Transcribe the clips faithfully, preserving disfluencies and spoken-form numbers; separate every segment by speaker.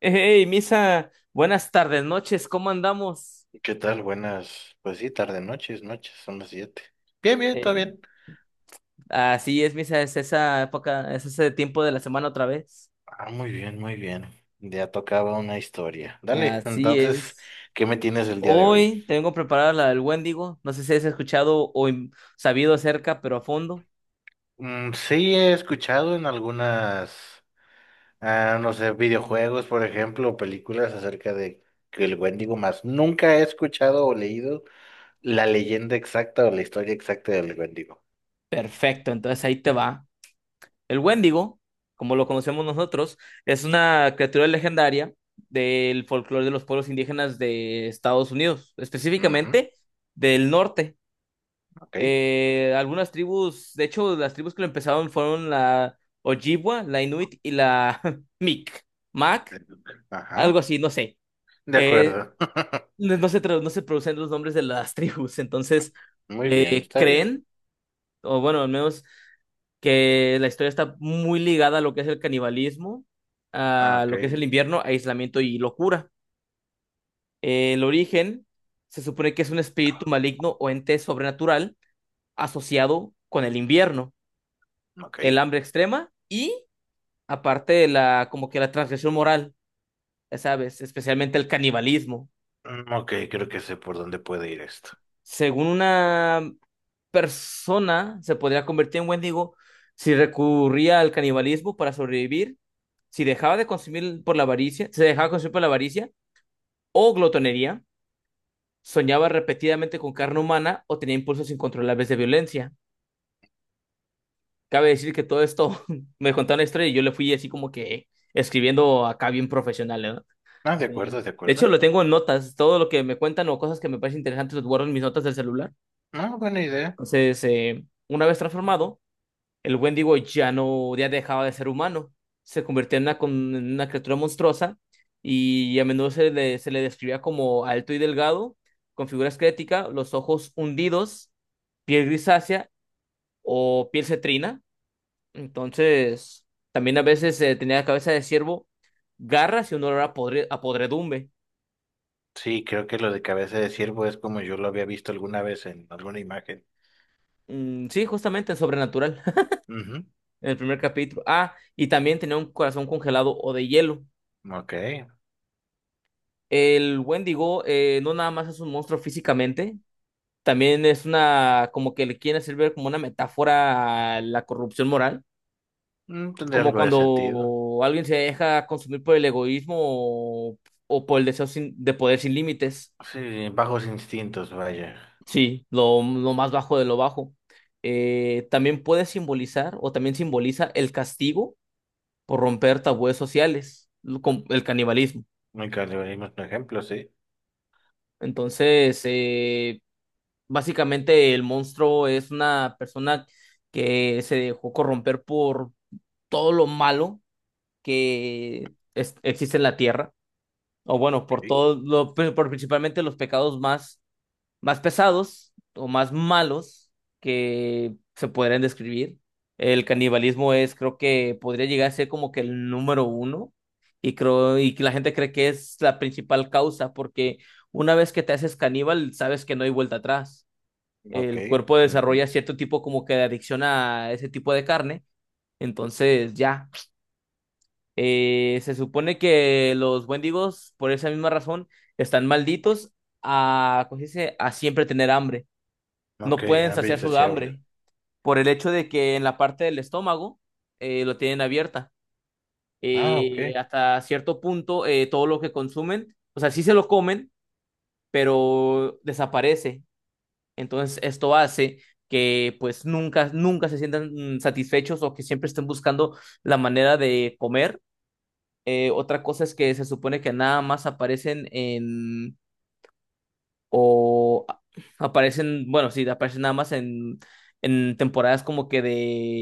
Speaker 1: Hey, Misa, buenas tardes, noches, ¿cómo andamos?
Speaker 2: ¿Qué tal? Buenas, pues sí, tarde, noches, noches, son las siete. Bien, bien, todo
Speaker 1: Eh,
Speaker 2: bien.
Speaker 1: así es, Misa, es esa época, es ese tiempo de la semana otra vez.
Speaker 2: Ah, muy bien, muy bien. Ya tocaba una historia. Dale,
Speaker 1: Así
Speaker 2: entonces,
Speaker 1: es.
Speaker 2: ¿qué me tienes el día de hoy?
Speaker 1: Hoy tengo preparada la del Wendigo, no sé si has escuchado o im- sabido acerca, pero a fondo.
Speaker 2: Mm, sí, he escuchado en algunas, ah, no sé, videojuegos, por ejemplo, o películas acerca de que el Wendigo, más nunca he escuchado o leído la leyenda exacta o la historia exacta del Wendigo.
Speaker 1: Perfecto, entonces ahí te va. El Wendigo, como lo conocemos nosotros, es una criatura legendaria del folclore de los pueblos indígenas de Estados Unidos,
Speaker 2: Ujú,
Speaker 1: específicamente del norte.
Speaker 2: ok.
Speaker 1: Eh, algunas tribus, de hecho, las tribus que lo empezaron fueron la Ojibwa, la Inuit y la Mic, Mac, algo
Speaker 2: Ajá,
Speaker 1: así, no sé.
Speaker 2: de
Speaker 1: Eh,
Speaker 2: acuerdo.
Speaker 1: no no se, tra- no se producen los nombres de las tribus, entonces
Speaker 2: Muy bien,
Speaker 1: eh,
Speaker 2: está bien.
Speaker 1: creen, o bueno, al menos que la historia está muy ligada a lo que es el canibalismo,
Speaker 2: Ah,
Speaker 1: a
Speaker 2: ok.
Speaker 1: lo que es el invierno, aislamiento y locura. Eh, el origen se supone que es un espíritu maligno o ente sobrenatural asociado con el invierno,
Speaker 2: Ok.
Speaker 1: el hambre extrema y aparte de la como que la transgresión moral, ya sabes, especialmente el canibalismo.
Speaker 2: Mm, ok, creo que sé por dónde puede ir esto.
Speaker 1: Según una persona se podría convertir en Wendigo si recurría al canibalismo para sobrevivir, si dejaba de consumir por la avaricia, se dejaba consumir por la avaricia o glotonería, soñaba repetidamente con carne humana o tenía impulsos incontrolables de violencia. Cabe decir que todo esto me contaron la historia y yo le fui así como que escribiendo acá bien profesional, ¿no?
Speaker 2: Ah, de
Speaker 1: Eh,
Speaker 2: acuerdo, de
Speaker 1: de hecho,
Speaker 2: acuerdo.
Speaker 1: lo tengo en notas. Todo lo que me cuentan o cosas que me parecen interesantes los guardo en mis notas del celular.
Speaker 2: No, buena idea.
Speaker 1: Entonces, eh, una vez transformado, el Wendigo ya no, ya dejaba de ser humano. Se convirtió en una, con- en una criatura monstruosa y a menudo se le, se le describía como alto y delgado, con figura esquelética, los ojos hundidos, piel grisácea o piel cetrina. Entonces, también a veces eh, tenía la cabeza de ciervo, garras y un olor a, podre- a podredumbre.
Speaker 2: Sí, creo que lo de cabeza de ciervo es como yo lo había visto alguna vez en alguna imagen.
Speaker 1: Mm, sí, justamente en Sobrenatural,
Speaker 2: Ujú.
Speaker 1: en el primer capítulo. Ah, y también tenía un corazón congelado o de hielo.
Speaker 2: Ok.
Speaker 1: El Wendigo eh, no nada más es un monstruo físicamente, también es una, como que le quieren hacer ver como una metáfora a la corrupción moral,
Speaker 2: Mm, tendría
Speaker 1: como
Speaker 2: algo de sentido.
Speaker 1: cuando alguien se deja consumir por el egoísmo o, o por el deseo sin- de poder sin límites.
Speaker 2: Sí, bajos instintos, vaya.
Speaker 1: Sí, lo, lo más bajo de lo bajo. Eh, también puede simbolizar o también simboliza el castigo por romper tabúes sociales, lo- con el canibalismo.
Speaker 2: Muy canibalismo es un ejemplo, sí.
Speaker 1: Entonces, eh, básicamente el monstruo es una persona que se dejó corromper por todo lo malo que es- existe en la tierra, o bueno, por
Speaker 2: Ok.
Speaker 1: todo lo, pero por principalmente los pecados más más pesados o más malos que se podrían describir. El canibalismo es, creo que podría llegar a ser como que el número uno y creo y que la gente cree que es la principal causa porque una vez que te haces caníbal sabes que no hay vuelta atrás.
Speaker 2: Ok.
Speaker 1: El cuerpo
Speaker 2: Ujú.
Speaker 1: desarrolla cierto tipo como que de adicción a ese tipo de carne. Entonces ya, Eh, se supone que los wendigos por esa misma razón están malditos a, ¿cómo se dice? A siempre tener hambre, no
Speaker 2: Ok,
Speaker 1: pueden
Speaker 2: hambre
Speaker 1: saciar su
Speaker 2: insaciable.
Speaker 1: hambre por el hecho de que en la parte del estómago eh, lo tienen abierta.
Speaker 2: Ah, ok.
Speaker 1: Eh, hasta cierto punto, eh, todo lo que consumen, o sea, sí se lo comen, pero desaparece. Entonces, esto hace que pues nunca, nunca se sientan mm, satisfechos o que siempre estén buscando la manera de comer. Eh, otra cosa es que se supone que nada más aparecen en o a- aparecen, bueno, sí, aparecen nada más en, en temporadas como que de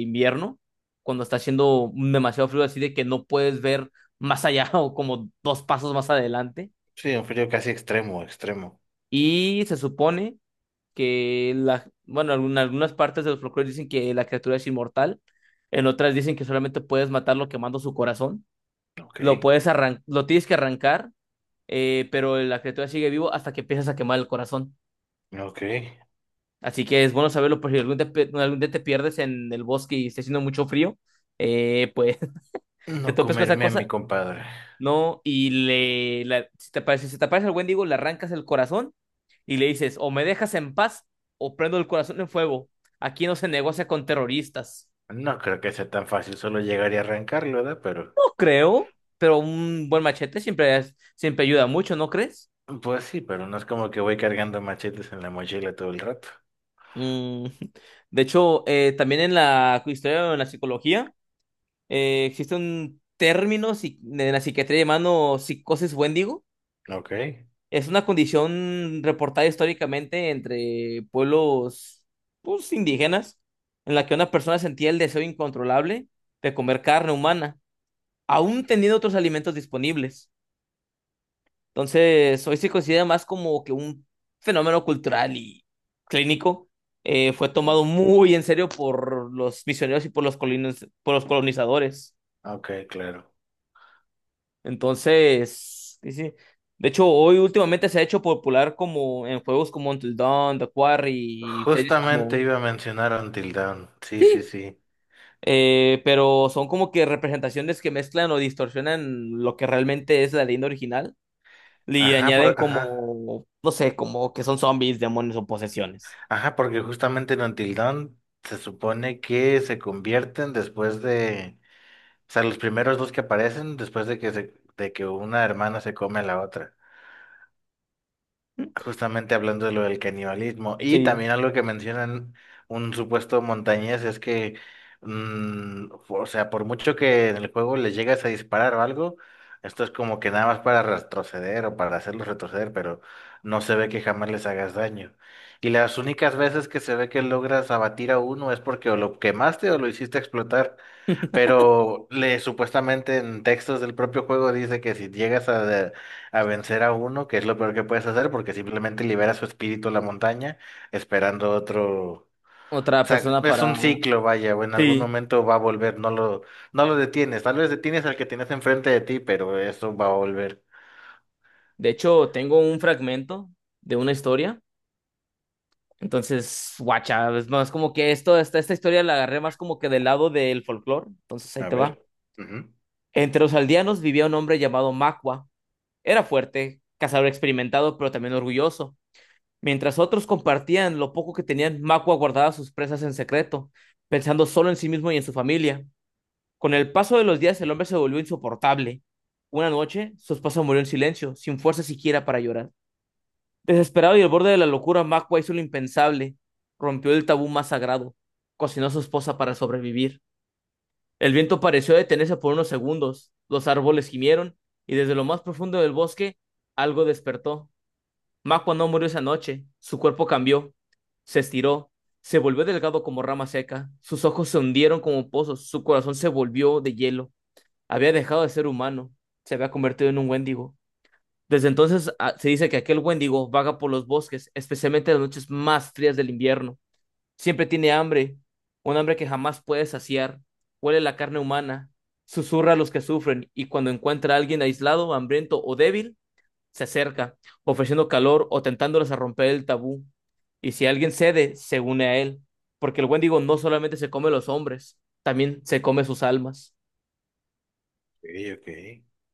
Speaker 1: invierno, cuando está haciendo demasiado frío, así de que no puedes ver más allá o como dos pasos más adelante.
Speaker 2: Sí, un frío casi extremo, extremo.
Speaker 1: Y se supone que la, bueno, en algunas partes de los folclores dicen que la criatura es inmortal, en otras dicen que solamente puedes matarlo quemando su corazón,
Speaker 2: Ok.
Speaker 1: lo puedes arran- lo tienes que arrancar, eh, pero la criatura sigue vivo hasta que empiezas a quemar el corazón.
Speaker 2: Ok.
Speaker 1: Así que es bueno saberlo por si algún, día pe- algún día te pierdes en el bosque y está haciendo mucho frío, eh, pues te
Speaker 2: No
Speaker 1: topes con esa
Speaker 2: comerme a mi
Speaker 1: cosa,
Speaker 2: compadre.
Speaker 1: ¿no? Y le, la- si te aparece, si te aparece el Wendigo, le arrancas el corazón y le dices, o me dejas en paz o prendo el corazón en fuego. Aquí no se negocia con terroristas.
Speaker 2: No creo que sea tan fácil, solo llegar y arrancarlo, ¿verdad? Pero,
Speaker 1: No creo, pero un buen machete siempre, es- siempre ayuda mucho, ¿no crees?
Speaker 2: pues sí, pero no es como que voy cargando machetes en la mochila todo el rato.
Speaker 1: Mm, de hecho, eh, también en la historia, en la psicología. Eh, existe un término psi- en la psiquiatría llamado psicosis wendigo.
Speaker 2: Ok,
Speaker 1: Es una condición reportada históricamente entre pueblos pues, indígenas en la que una persona sentía el deseo incontrolable de comer carne humana, aún teniendo otros alimentos disponibles. Entonces, hoy se considera más como que un fenómeno cultural y clínico. Eh, fue tomado muy en serio por los misioneros y por los colonis- por los colonizadores.
Speaker 2: ok, claro.
Speaker 1: Entonces, sí, sí. De hecho, hoy últimamente se ha hecho popular como en juegos como Until Dawn, The Quarry, y series
Speaker 2: Justamente
Speaker 1: como...
Speaker 2: iba a mencionar Until Dawn. Sí, sí,
Speaker 1: Sí,
Speaker 2: sí.
Speaker 1: eh, pero son como que representaciones que mezclan o distorsionan lo que realmente es la leyenda original y
Speaker 2: Ajá,
Speaker 1: añaden
Speaker 2: por- ajá.
Speaker 1: como, no sé, como que son zombies, demonios o posesiones.
Speaker 2: Ajá, porque justamente en Until Dawn se supone que se convierten después de, o sea, los primeros dos que aparecen después de que se, de que una hermana se come a la otra. Justamente hablando de lo del canibalismo. Y
Speaker 1: Sí,
Speaker 2: también algo que mencionan un supuesto montañés es que, mm, o sea, por mucho que en el juego les llegas a disparar o algo, esto es como que nada más para retroceder o para hacerlos retroceder, pero no se ve que jamás les hagas daño. Y las únicas veces que se ve que logras abatir a uno es porque o lo quemaste o lo hiciste explotar. Pero le supuestamente en textos del propio juego dice que si llegas a, de- a vencer a uno, que es lo peor que puedes hacer, porque simplemente libera su espíritu a la montaña, esperando otro. O
Speaker 1: otra
Speaker 2: sea,
Speaker 1: persona
Speaker 2: es un
Speaker 1: para...
Speaker 2: ciclo, vaya, o en algún
Speaker 1: Sí,
Speaker 2: momento va a volver, no lo, no lo detienes. Tal vez detienes al que tienes enfrente de ti, pero eso va a volver.
Speaker 1: de hecho, tengo un fragmento de una historia. Entonces, guacha, es más como que esto, esta, esta historia la agarré más como que del lado del folclore. Entonces ahí
Speaker 2: A
Speaker 1: te va.
Speaker 2: ver. Ujú.
Speaker 1: Entre los aldeanos vivía un hombre llamado Macua. Era fuerte, cazador experimentado, pero también orgulloso. Mientras otros compartían lo poco que tenían, Macua guardaba sus presas en secreto, pensando solo en sí mismo y en su familia. Con el paso de los días, el hombre se volvió insoportable. Una noche, su esposa murió en silencio, sin fuerza siquiera para llorar. Desesperado y al borde de la locura, Makwa hizo lo impensable. Rompió el tabú más sagrado. Cocinó a su esposa para sobrevivir. El viento pareció detenerse por unos segundos. Los árboles gimieron y desde lo más profundo del bosque algo despertó. Makwa no murió esa noche. Su cuerpo cambió. Se estiró. Se volvió delgado como rama seca. Sus ojos se hundieron como pozos. Su corazón se volvió de hielo. Había dejado de ser humano. Se había convertido en un wendigo. Desde entonces a- se dice que aquel Wendigo vaga por los bosques, especialmente en las noches más frías del invierno. Siempre tiene hambre, un hambre que jamás puede saciar. Huele la carne humana, susurra a los que sufren y cuando encuentra a alguien aislado, hambriento o débil, se acerca, ofreciendo calor o tentándoles a romper el tabú. Y si alguien cede, se une a él, porque el Wendigo no solamente se come los hombres, también se come sus almas.
Speaker 2: Ok, ok.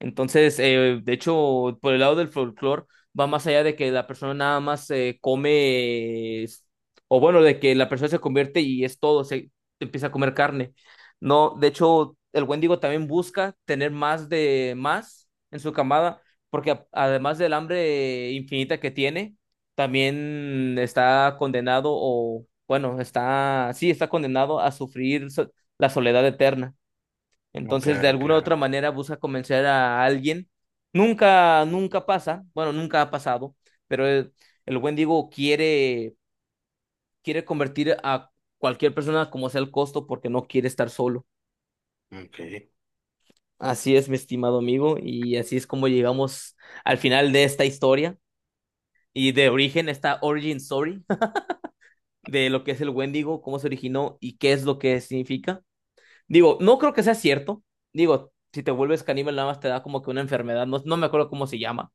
Speaker 1: Entonces, eh, de hecho, por el lado del folclore, va más allá de que la persona nada más eh, come, es- o bueno, de que la persona se convierte y es todo, se empieza a comer carne. No, de hecho, el Wendigo también busca tener más de más en su camada, porque a- además del hambre infinita que tiene, también está condenado, o bueno, está, sí, está condenado a sufrir so- la soledad eterna.
Speaker 2: No,
Speaker 1: Entonces, de
Speaker 2: claro,
Speaker 1: alguna u otra
Speaker 2: claro.
Speaker 1: manera busca convencer a alguien. Nunca, nunca pasa, bueno, nunca ha pasado, pero el, el buen Diego quiere, quiere convertir a cualquier persona como sea el costo porque no quiere estar solo.
Speaker 2: Ok.
Speaker 1: Así es, mi estimado amigo, y así es como llegamos al final de esta historia y de origen, esta origin story de lo que es el Wendigo, cómo se originó y qué es lo que significa. Digo, no creo que sea cierto. Digo, si te vuelves caníbal, nada más te da como que una enfermedad, no, no me acuerdo cómo se llama.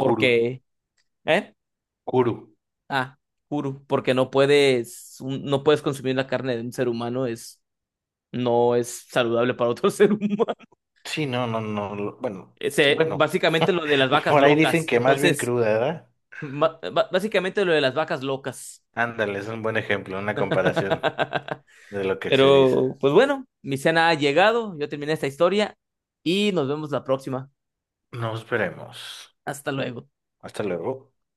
Speaker 2: Kuru.
Speaker 1: ¿eh?
Speaker 2: Kuru.
Speaker 1: Ah, Kuru, porque no puedes, un- no puedes consumir la carne de un ser humano, es, no es saludable para otro ser humano.
Speaker 2: Sí, no, no, no. lo- Bueno,
Speaker 1: Ese,
Speaker 2: bueno.
Speaker 1: básicamente lo de las vacas
Speaker 2: Por ahí dicen
Speaker 1: locas.
Speaker 2: que más bien
Speaker 1: Entonces,
Speaker 2: cruda, ¿verdad?
Speaker 1: ba- ba- básicamente lo de las vacas locas.
Speaker 2: Ándale, es un buen ejemplo, una comparación de lo que se dice.
Speaker 1: Pero, pues bueno, mi cena ha llegado, yo terminé esta historia y nos vemos la próxima.
Speaker 2: Nos veremos.
Speaker 1: Hasta luego.
Speaker 2: Hasta luego.